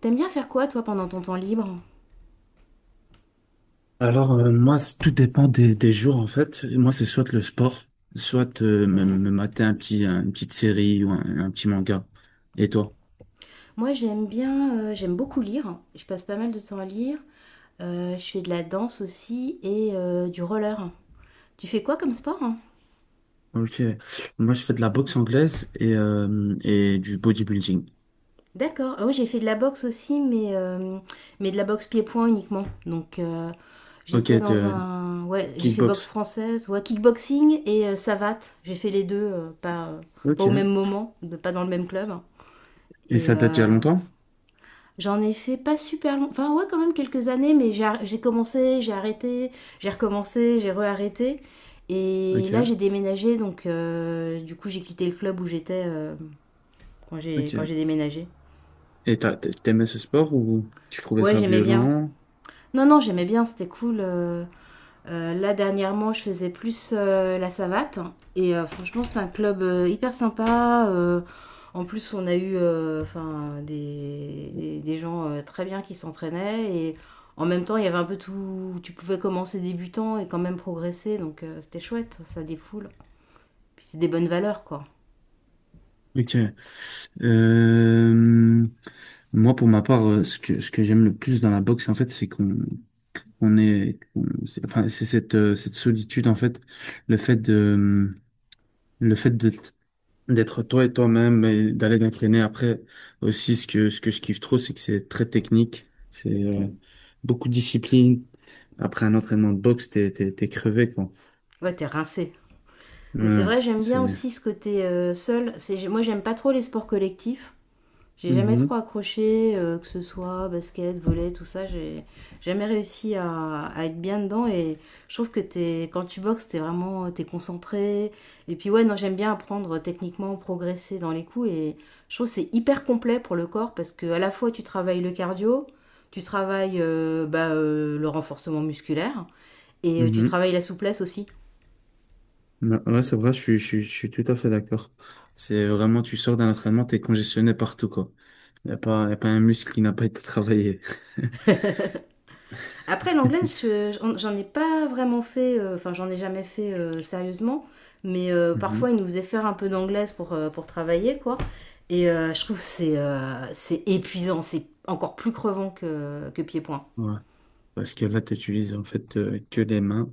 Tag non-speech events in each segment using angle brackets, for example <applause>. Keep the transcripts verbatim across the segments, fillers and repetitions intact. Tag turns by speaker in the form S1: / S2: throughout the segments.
S1: T'aimes bien faire quoi toi pendant ton temps libre?
S2: Alors, euh, moi, c- tout dépend des, des jours, en fait. Moi, c'est soit le sport, soit euh, me,
S1: Ouais.
S2: me mater un petit, un- une petite série ou un, un petit manga. Et toi?
S1: Moi j'aime bien, euh, j'aime beaucoup lire. Je passe pas mal de temps à lire. Euh, je fais de la danse aussi et euh, du roller. Tu fais quoi comme sport, hein?
S2: Ok. Moi, je fais de la boxe anglaise et, euh, et du bodybuilding.
S1: D'accord. Ah oui, j'ai fait de la boxe aussi, mais, euh, mais de la boxe pied-point uniquement. Donc euh,
S2: Ok,
S1: j'étais dans
S2: de
S1: un... Ouais, j'ai fait boxe
S2: kickbox.
S1: française, ouais, kickboxing et euh, savate. J'ai fait les deux, euh, pas, euh, pas
S2: Ok.
S1: au même moment, de, pas dans le même club.
S2: Et
S1: Et
S2: ça date d'il y a
S1: euh,
S2: longtemps?
S1: J'en ai fait pas super long, enfin ouais quand même quelques années, mais j'ai ar- j'ai commencé, j'ai arrêté, j'ai recommencé, j'ai re-arrêté. Et là j'ai
S2: Ok,
S1: déménagé, donc euh, du coup j'ai quitté le club où j'étais euh, quand j'ai quand
S2: ok.
S1: j'ai déménagé.
S2: Et t'as, t'aimais ce sport ou tu trouvais
S1: Ouais
S2: ça
S1: j'aimais bien.
S2: violent?
S1: Non non j'aimais bien, c'était cool. euh. Euh, là, dernièrement, je faisais plus euh, la savate. Et euh, franchement, c'est un club euh, hyper sympa. euh, en plus, on a eu euh, enfin, des, des, des gens euh, très bien qui s'entraînaient. Et en même temps, il y avait un peu tout. Tu pouvais commencer débutant et quand même progresser. Donc, euh, c'était chouette. Ça défoule. Puis, c'est des bonnes valeurs, quoi.
S2: Ok. Euh, Moi, pour ma part, euh, ce que, ce que j'aime le plus dans la boxe, en fait, c'est qu'on qu'on est, qu'on- c'est- enfin, c'est cette, euh, cette solitude, en fait, le fait de, le fait de d'être toi et toi-même et d'aller t'entraîner. Après, aussi ce que ce que je kiffe trop, c'est que c'est très technique, c'est euh, beaucoup de discipline. Après un entraînement de boxe, t'es t'es t'es crevé, quoi.
S1: Ouais, t'es rincé. Mais c'est
S2: ouais
S1: vrai, j'aime bien
S2: c'est
S1: aussi ce côté euh, seul. C'est, moi, j'aime pas trop les sports collectifs. J'ai jamais
S2: Mhm.
S1: trop accroché, euh, que ce soit basket, volley, tout ça. J'ai jamais réussi à, à être bien dedans. Et je trouve que t'es, quand tu boxes, t'es vraiment t'es concentré. Et puis ouais, non, j'aime bien apprendre techniquement, progresser dans les coups. Et je trouve que c'est hyper complet pour le corps parce que à la fois tu travailles le cardio, tu travailles euh, bah, euh, le renforcement musculaire et euh, tu
S2: Mhm.
S1: travailles la souplesse aussi.
S2: Ouais, ouais, c'est vrai, je suis, je suis, je suis tout à fait d'accord. C'est vraiment, tu sors d'un entraînement, t'es congestionné partout, quoi. Y a pas, y a pas un muscle qui n'a pas été travaillé. <laughs>
S1: Après, l'anglaise, j'en ai pas vraiment fait, euh, enfin, j'en ai jamais fait euh, sérieusement, mais euh, parfois,
S2: Mhm.
S1: ils nous faisaient faire un peu d'anglaise pour, euh, pour travailler, quoi. Et euh, je trouve que c'est euh, c'est épuisant, c'est encore plus crevant que, que pied-point.
S2: Ouais. Parce que là, t'utilises en fait euh, que les mains.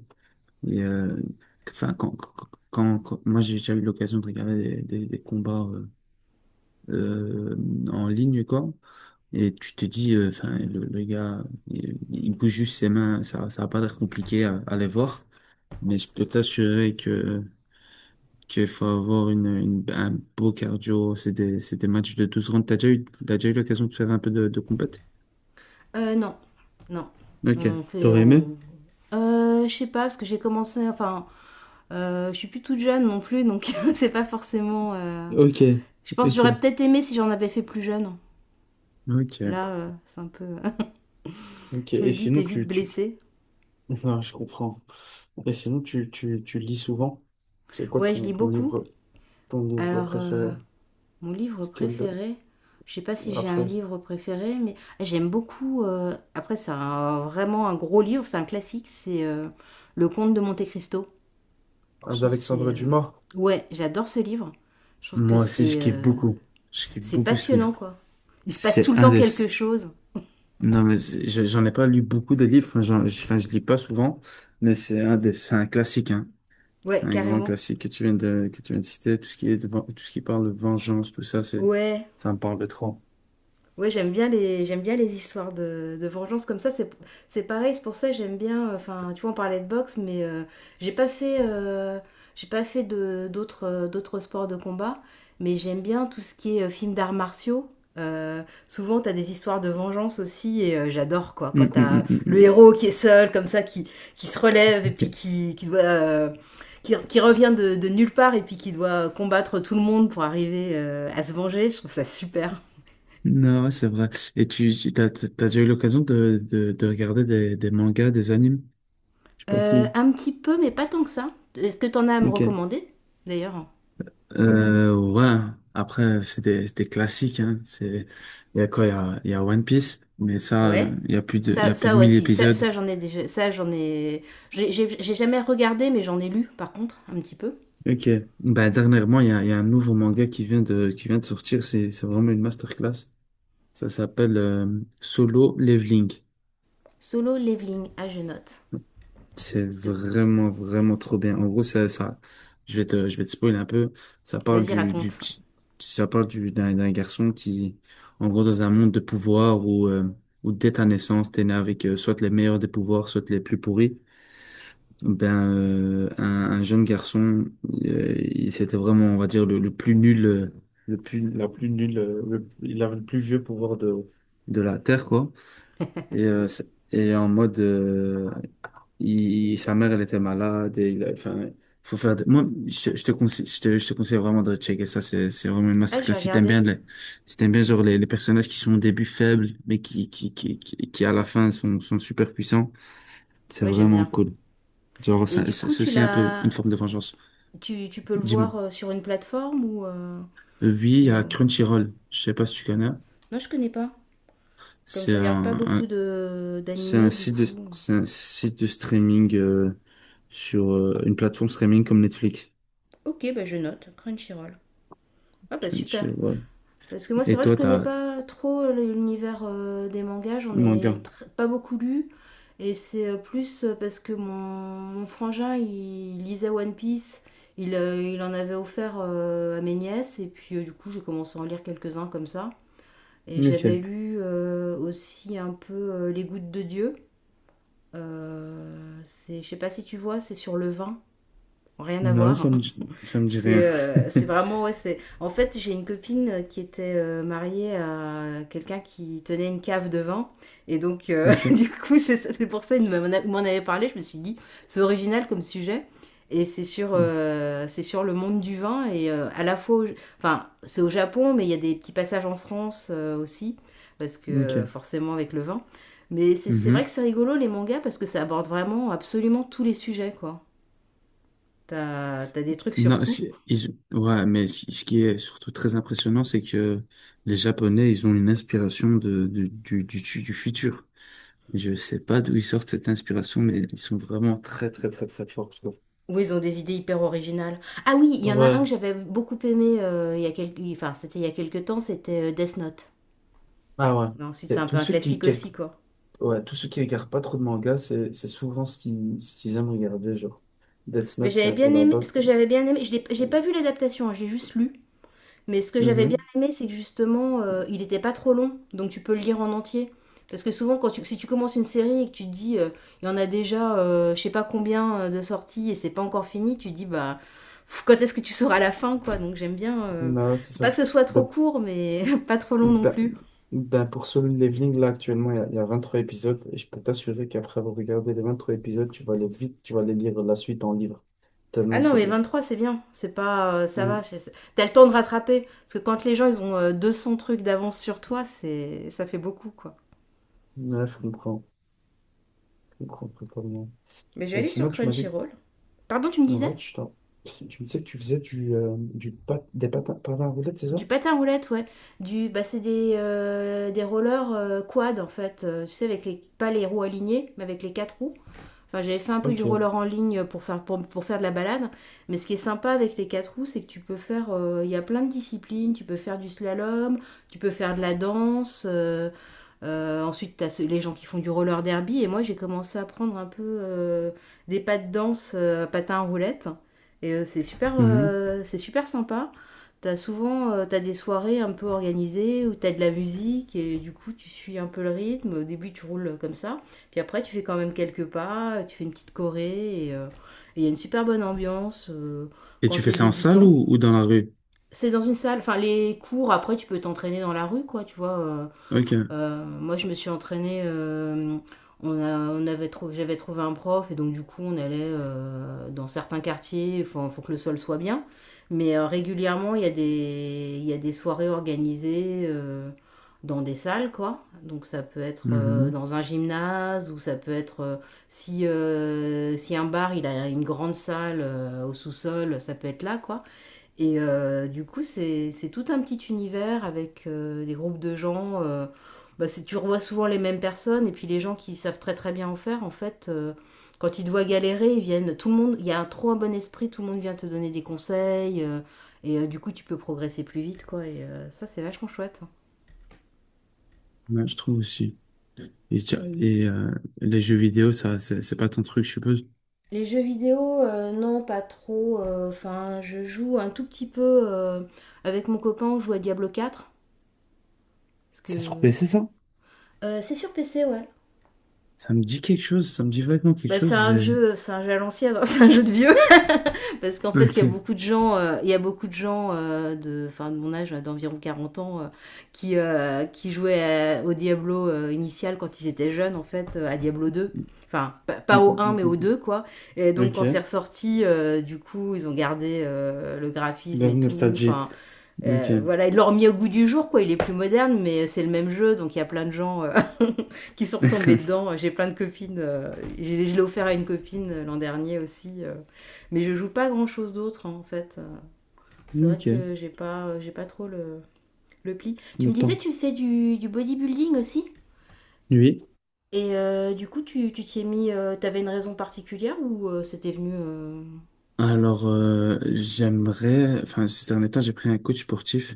S2: Et, euh, enfin, quand, quand, quand, quand- moi, j'ai déjà eu l'occasion de regarder des, des, des combats euh, euh, en ligne, quoi. Et tu te dis, euh, enfin, le, le gars, il, il bouge juste ses mains, ça, ça va pas l'air compliqué à, à les voir. Mais je peux t'assurer que qu'il faut avoir une, une- un beau cardio. C'est des, c'est des matchs de douze rounds. T'as déjà eu, t'as déjà eu l'occasion de faire un peu de, de combat.
S1: Euh, non, non.
S2: Ok.
S1: On fait.
S2: T'aurais aimé?
S1: On... Euh, je sais pas, parce que j'ai commencé. Enfin, euh, je suis plus toute jeune non plus, donc <laughs> c'est pas forcément. euh,
S2: Ok,
S1: Je pense que j'aurais
S2: ok,
S1: peut-être aimé si j'en avais fait plus jeune. Là,
S2: ok,
S1: euh, c'est un peu. <laughs>
S2: ok.
S1: Je
S2: Et
S1: me dis, t'es
S2: sinon,
S1: vite
S2: tu, tu...
S1: blessée.
S2: <laughs> Non, je comprends. Et sinon, tu, tu, tu lis souvent. C'est quoi
S1: Ouais, je
S2: ton,
S1: lis
S2: ton
S1: beaucoup.
S2: livre, ton livre
S1: Alors, euh,
S2: préféré?
S1: mon livre
S2: Parce que le-
S1: préféré, je sais pas si j'ai un
S2: Après, c'est-
S1: livre préféré, mais j'aime beaucoup. euh, après, c'est un- vraiment un gros livre, c'est un classique, c'est euh, Le Comte de Monte Cristo. Je trouve que c'est.
S2: Alexandre
S1: euh,
S2: Dumas.
S1: Ouais, j'adore ce livre. Je trouve que
S2: Moi aussi, je
S1: c'est
S2: kiffe
S1: euh,
S2: beaucoup. Je kiffe
S1: c'est
S2: beaucoup ce
S1: passionnant,
S2: livre.
S1: quoi. Il se passe tout
S2: C'est
S1: le
S2: un
S1: temps
S2: des,
S1: quelque chose.
S2: Non, mais c'est- je- j'en ai pas lu beaucoup de livres, enfin, j'en- je, enfin, je lis pas souvent, mais c'est un des, c'est un classique, hein. C'est
S1: Ouais,
S2: un grand
S1: carrément.
S2: classique que tu viens de, que tu viens de citer. Tout ce qui est de ven- tout ce qui parle de vengeance, tout ça, c'est,
S1: Ouais.
S2: ça me parle de trop.
S1: Oui, j'aime bien les j'aime bien les histoires de, de vengeance comme ça. C'est c'est pareil, c'est pour ça que j'aime bien. Enfin, tu vois, on parlait de boxe, mais euh, j'ai pas fait euh, j'ai pas fait de d'autres euh, d'autres sports de combat, mais j'aime bien tout ce qui est euh, film d'arts martiaux. Euh, souvent, t'as des histoires de vengeance aussi, et euh, j'adore quoi. Quand
S2: Hum, hum,
S1: t'as
S2: hum, hum,
S1: le
S2: hum.
S1: héros qui est seul, comme ça, qui qui se relève et
S2: Ok.
S1: puis qui qui doit euh, qui, qui revient de, de nulle part et puis qui doit combattre tout le monde pour arriver euh, à se venger, je trouve ça super.
S2: Non, ouais, c'est vrai. Et tu, tu- t'as, t'as t'as déjà eu l'occasion de, de, de regarder des, des mangas, des animes? Je sais pas
S1: Euh,
S2: si.
S1: un petit peu, mais pas tant que ça. Est-ce que t'en as à me
S2: Ok.
S1: recommander, d'ailleurs?
S2: Euh, ouais. Après, c'est des, c'est des classiques, hein. C'est, il y a quoi? Il y a, il y a One Piece, mais ça,
S1: Ouais.
S2: euh, il y a plus de, il y
S1: Ça,
S2: a plus
S1: ça
S2: de mille
S1: aussi, ça,
S2: épisodes.
S1: ça j'en ai déjà, ça j'en ai, j'ai j'ai- j'ai jamais regardé, mais j'en ai lu par contre, un petit peu.
S2: Ok. Bah, dernièrement, il y a, il y a un nouveau manga qui vient de, qui vient de sortir. C'est, c'est vraiment une masterclass. Ça s'appelle euh, Solo Leveling.
S1: Solo Leveling, ah je note.
S2: C'est
S1: Parce que,
S2: vraiment, vraiment trop bien. En gros, ça, ça, je vais te, je vais te spoiler un peu. Ça parle
S1: vas-y
S2: du, du
S1: raconte.
S2: petit, ça parle du, d'un, d'un garçon qui, en gros, dans un monde de pouvoir où, euh, où dès ta naissance, t'es né avec euh, soit les meilleurs des pouvoirs, soit les plus pourris. Ben, euh, un, un jeune garçon, euh, il- c'était vraiment, on va dire, le, le plus nul, euh, le plus, la plus nulle, euh, le- il avait le plus vieux pouvoir de, de la Terre, quoi. Et, euh, ça- et en mode, euh, il, il- sa mère, elle était malade, et il a- enfin, faut faire des- Moi, je, je te conseille, je te, je te conseille vraiment de checker ça, c'est, c'est vraiment une
S1: Ah j'ai
S2: masterclass. Si t'aimes
S1: regardé,
S2: bien les, si t'aimes bien, genre, les, les personnages qui sont au début faibles, mais qui, qui, qui, qui, qui à la fin sont, sont super puissants, c'est
S1: oui j'aime
S2: vraiment
S1: bien.
S2: cool. Genre,
S1: Et
S2: ça-
S1: du
S2: ça-
S1: coup
S2: c'est
S1: tu
S2: aussi un peu
S1: l'as,
S2: une forme de vengeance.
S1: tu, tu peux le
S2: Dis-moi.
S1: voir euh, sur une plateforme ou, euh,
S2: Euh, Oui, il y a
S1: ou... euh,
S2: Crunchyroll. Je sais pas si tu connais.
S1: Non je connais pas, comme je
S2: C'est
S1: regarde pas
S2: un,
S1: beaucoup
S2: un-
S1: de
S2: c'est un
S1: d'animés du
S2: site de,
S1: coup.
S2: c'est un site de streaming euh, sur euh, une plateforme streaming comme Netflix.
S1: Ok bah je note, Crunchyroll. Ah bah super.
S2: Crunchyroll.
S1: Parce que moi, c'est
S2: Et
S1: vrai que je
S2: toi,
S1: connais
S2: t'as
S1: pas trop l'univers euh, des mangas, j'en
S2: manga.
S1: ai tr- pas beaucoup lu. Et c'est euh, plus euh, parce que mon, mon frangin, il lisait One Piece, il, euh, il en avait offert euh, à mes nièces, et puis euh, du coup, j'ai commencé à en lire quelques-uns comme ça. Et j'avais
S2: Ok.
S1: lu euh, aussi un peu euh, Les Gouttes de Dieu. Euh, c'est, je sais pas si tu vois, c'est sur le vin. Rien à
S2: Non, ça
S1: voir.
S2: me, dit- ça me dit rien.
S1: C'est
S2: <laughs>
S1: euh, c'est vraiment, ouais, c'est... En fait, j'ai une copine qui était euh, mariée à quelqu'un qui tenait une cave de vin. Et donc, euh, <laughs>
S2: Ok.
S1: du coup, c'est c'est pour ça qu'il m'en a- m'en avait parlé. Je me suis dit, c'est original comme sujet. Et c'est sur, euh, c'est sur le monde du vin. Et euh, à la fois, au- enfin, c'est au Japon, mais il y a des petits passages en France euh, aussi. Parce que euh,
S2: Ok.
S1: forcément, avec le vin. Mais c'est c'est vrai que
S2: Mhm.
S1: c'est rigolo, les mangas, parce que ça aborde vraiment absolument tous les sujets, quoi. T'as, t'as des trucs sur
S2: Non,
S1: tout.
S2: ce qui- ils- ouais, mais ce ce qui est surtout très impressionnant, c'est que les Japonais, ils ont une inspiration de, de- du, du, du futur. Je sais pas d'où ils sortent cette inspiration, mais ils sont vraiment très, très, très, très forts, je trouve.
S1: Oui, ils ont des idées hyper originales. Ah oui, il y en a un
S2: Ouais,
S1: que j'avais beaucoup aimé euh, il y a quelques... Enfin, c'était il y a quelques temps, c'était euh, Death Note.
S2: ah ouais.
S1: Mais ensuite, c'est
S2: Et
S1: un
S2: Tous
S1: peu un
S2: ceux qui,
S1: classique
S2: qui-
S1: aussi, quoi.
S2: Ouais, tous ceux qui regardent pas trop de mangas, c'est, c'est souvent ce qu'ils, ce qu'ils aiment regarder, genre. Death
S1: Mais
S2: Note, c'est
S1: j'avais
S2: un peu
S1: bien
S2: la
S1: aimé...
S2: base.
S1: Ce que
S2: pour-
S1: j'avais bien aimé... Je l'ai- j'ai pas vu l'adaptation, hein, j'ai juste lu. Mais ce que j'avais bien
S2: Mhm.
S1: aimé, c'est que justement, euh, il n'était pas trop long, donc tu peux le lire en entier. Parce que souvent, quand tu, si tu commences une série et que tu te dis, euh, il y en a déjà, euh, je sais pas combien euh, de sorties et c'est pas encore fini, tu te dis, bah, pff, quand est-ce que tu sauras la fin, quoi. Donc j'aime bien. euh,
S2: Non, c'est
S1: faut pas
S2: ça.
S1: que ce soit trop
S2: Ben,
S1: court, mais <laughs> pas trop long non
S2: ben,
S1: plus.
S2: ben, pour Solo Leveling, là, actuellement, il y, a il y a vingt-trois épisodes, et je peux t'assurer qu'après avoir regardé les vingt-trois épisodes, tu vas aller vite, tu vas aller lire la suite en livre.
S1: Ah
S2: Tellement
S1: non,
S2: c'est
S1: mais
S2: bien.
S1: vingt-trois, c'est bien. C'est pas, euh, ça va.
S2: Mhm.
S1: c'est- c'est- T'as le temps de rattraper. Parce que quand les gens, ils ont euh, deux cents trucs d'avance sur toi, c'est, ça fait beaucoup, quoi.
S2: Ouais, je comprends. Je comprends, totalement.
S1: Mais je vais
S2: Et
S1: aller sur
S2: sinon, tu m'as dit que
S1: Crunchyroll. Pardon, tu me disais?
S2: ouais, tu, t'en- tu me disais que tu faisais du, euh, du pat- des patins, patins à roulettes, c'est ça?
S1: Du patin à roulettes, ouais. Du, bah, c'est des, euh, des rollers euh, quad en fait. Euh, tu sais, avec les, pas les roues alignées, mais avec les quatre roues. Enfin, j'avais fait un peu du
S2: Ok.
S1: roller en ligne pour faire, pour, pour faire de la balade. Mais ce qui est sympa avec les quatre roues, c'est que tu peux faire. euh, Il y a plein de disciplines. Tu peux faire du slalom, tu peux faire de la danse. euh, euh, ensuite, tu as les gens qui font du roller derby. Et moi, j'ai commencé à prendre un peu euh, des pas de danse, euh, patins à roulettes. Et euh, c'est super,
S2: Mhm.
S1: euh, c'est super sympa. T'as souvent euh, t'as des soirées un peu organisées où t'as de la musique et du coup tu suis un peu le rythme. Au début tu roules comme ça, puis après tu fais quand même quelques pas, tu fais une petite choré et euh, et il y a une super bonne ambiance euh,
S2: Et
S1: quand
S2: tu fais
S1: t'es
S2: ça en salle
S1: débutant.
S2: ou, ou dans la rue?
S1: C'est dans une salle, enfin les cours après tu peux t'entraîner dans la rue quoi, tu vois. euh,
S2: Ok.
S1: euh, moi, je me suis entraînée. euh, on a, on avait trouvé, j'avais trouvé un prof et donc du coup, on allait euh, dans certains quartiers. Il faut, faut que le sol soit bien. Mais euh, régulièrement, il y a des, il y a des soirées organisées euh, dans des salles, quoi. Donc ça peut être euh,
S2: Mhm.
S1: dans un gymnase ou ça peut être euh, si, euh, si un bar, il a une grande salle euh, au sous-sol, ça peut être là, quoi. Et euh, du coup, c'est c'est tout un petit univers avec euh, des groupes de gens. euh, bah, c'est- tu revois souvent les mêmes personnes, et puis les gens qui savent très très bien en faire, en fait, euh, quand ils te voient galérer, ils viennent. Tout le monde, il y a un, trop un bon esprit, tout le monde vient te donner des conseils, euh, et euh, du coup, tu peux progresser plus vite, quoi. Et euh, ça, c'est vachement chouette.
S2: Ouais, je trouve aussi. Et, tu- et, euh, les jeux vidéo, ça, c'est c'est pas ton truc, je suppose.
S1: Les jeux vidéo, euh, non, pas trop. euh, Enfin, je joue un tout petit peu euh, avec mon copain, on joue à Diablo quatre, parce
S2: C'est sur
S1: que.
S2: P C, ça?
S1: Euh, c'est sur P C, ouais.
S2: Ça me dit quelque chose, ça me dit vaguement quelque
S1: Bah, c'est
S2: chose.
S1: un
S2: j'ai-
S1: vieux, c'est un jeu à l'ancienne, hein, <laughs> c'est un jeu de vieux. <laughs> Parce qu'en fait, il y a
S2: Ok.
S1: beaucoup de gens, euh, il y a beaucoup de gens euh, de, enfin, de mon âge, euh, d'environ quarante ans, euh, qui, euh, qui jouaient à- au Diablo euh, initial quand ils étaient jeunes, en fait, euh, à Diablo deux. Enfin, pa-
S2: Mm,
S1: pas au un,
S2: mm,
S1: mais
S2: mm,
S1: au deux,
S2: mm.
S1: quoi. Et donc, quand c'est
S2: Ok.
S1: ressorti, euh, du coup, ils ont gardé euh, le graphisme
S2: La
S1: et tout.
S2: nostalgie.
S1: Enfin, euh,
S2: Ok.
S1: voilà, ils l'ont remis au goût du jour, quoi. Il est plus moderne, mais c'est le même jeu. Donc, il y a plein de gens euh, qui sont retombées
S2: <laughs>
S1: dedans. J'ai plein de copines. euh, j'ai- je l'ai offert à une copine euh, l'an dernier aussi. euh, mais je joue pas grand chose d'autre hein, en fait. Euh, C'est vrai
S2: Ok.
S1: que j'ai pas, euh, j'ai pas trop le, le pli. Tu me
S2: Le
S1: disais,
S2: temps.
S1: tu fais du, du bodybuilding aussi?
S2: Oui.
S1: Et euh, du coup, tu tu t'y es mis. euh, T'avais une raison particulière ou euh, c'était venu. euh,
S2: Alors, euh, j'aimerais, enfin, ces derniers temps, j'ai pris un coach sportif.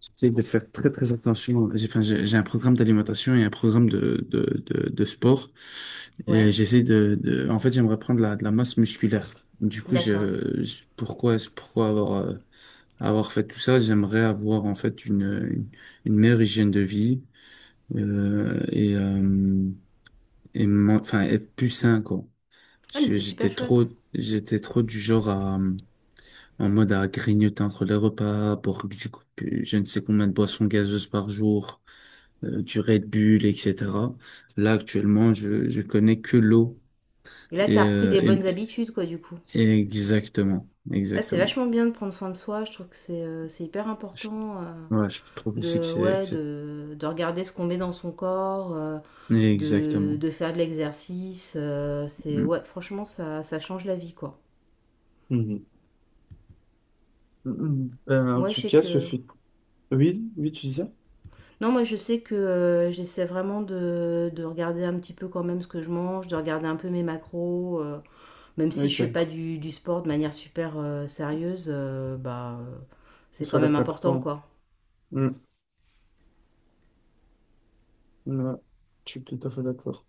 S2: J'essaie de faire très, très attention. J'ai, enfin, j'ai j'ai un programme d'alimentation et un programme de, de, de, de sport.
S1: Ouais.
S2: Et j'essaie de, de, en fait, j'aimerais prendre la, de la masse musculaire. Du coup,
S1: D'accord.
S2: je, je- pourquoi, pourquoi avoir, euh, avoir fait tout ça? J'aimerais avoir, en fait, une, une, une meilleure hygiène de vie, euh, et, euh, et, m'en- enfin, être plus sain, quoi.
S1: Ah,
S2: Parce
S1: mais
S2: que
S1: c'est super
S2: j'étais trop,
S1: chouette.
S2: j'étais trop du genre à, en mode à grignoter entre les repas, à boire du coup, pu- je ne sais combien de boissons gazeuses par jour, euh, du Red Bull, et cetera. Là, actuellement, je, je connais que l'eau.
S1: Et là,
S2: Et,
S1: t'as repris
S2: euh,
S1: des
S2: et-
S1: bonnes habitudes, quoi, du coup.
S2: et exactement,
S1: Ah, c'est
S2: exactement.
S1: vachement bien de prendre soin de soi. Je trouve que c'est euh, c'est hyper
S2: Je,
S1: important. euh,
S2: ouais, je trouve aussi que
S1: de,
S2: c'est, que
S1: ouais,
S2: c'est-
S1: de, de regarder ce qu'on met dans son corps, euh, de,
S2: exactement.
S1: de faire de l'exercice. euh, c'est
S2: Mm.
S1: ouais, franchement, ça, ça change la vie, quoi.
S2: Mhm. Mhm. Ben, en
S1: Moi, je
S2: tout
S1: sais
S2: cas, ce
S1: que
S2: fut... Oui, oui, tu disais?
S1: non, moi, je sais que euh, j'essaie vraiment de, de regarder un petit peu quand même ce que je mange, de regarder un peu mes macros, euh, même si je ne fais pas
S2: Ok,
S1: du, du sport de manière super euh, sérieuse, euh, bah, euh, c'est
S2: ça
S1: quand même
S2: reste
S1: important,
S2: important.
S1: quoi.
S2: Mhm. Ouais. Je suis tout à fait d'accord.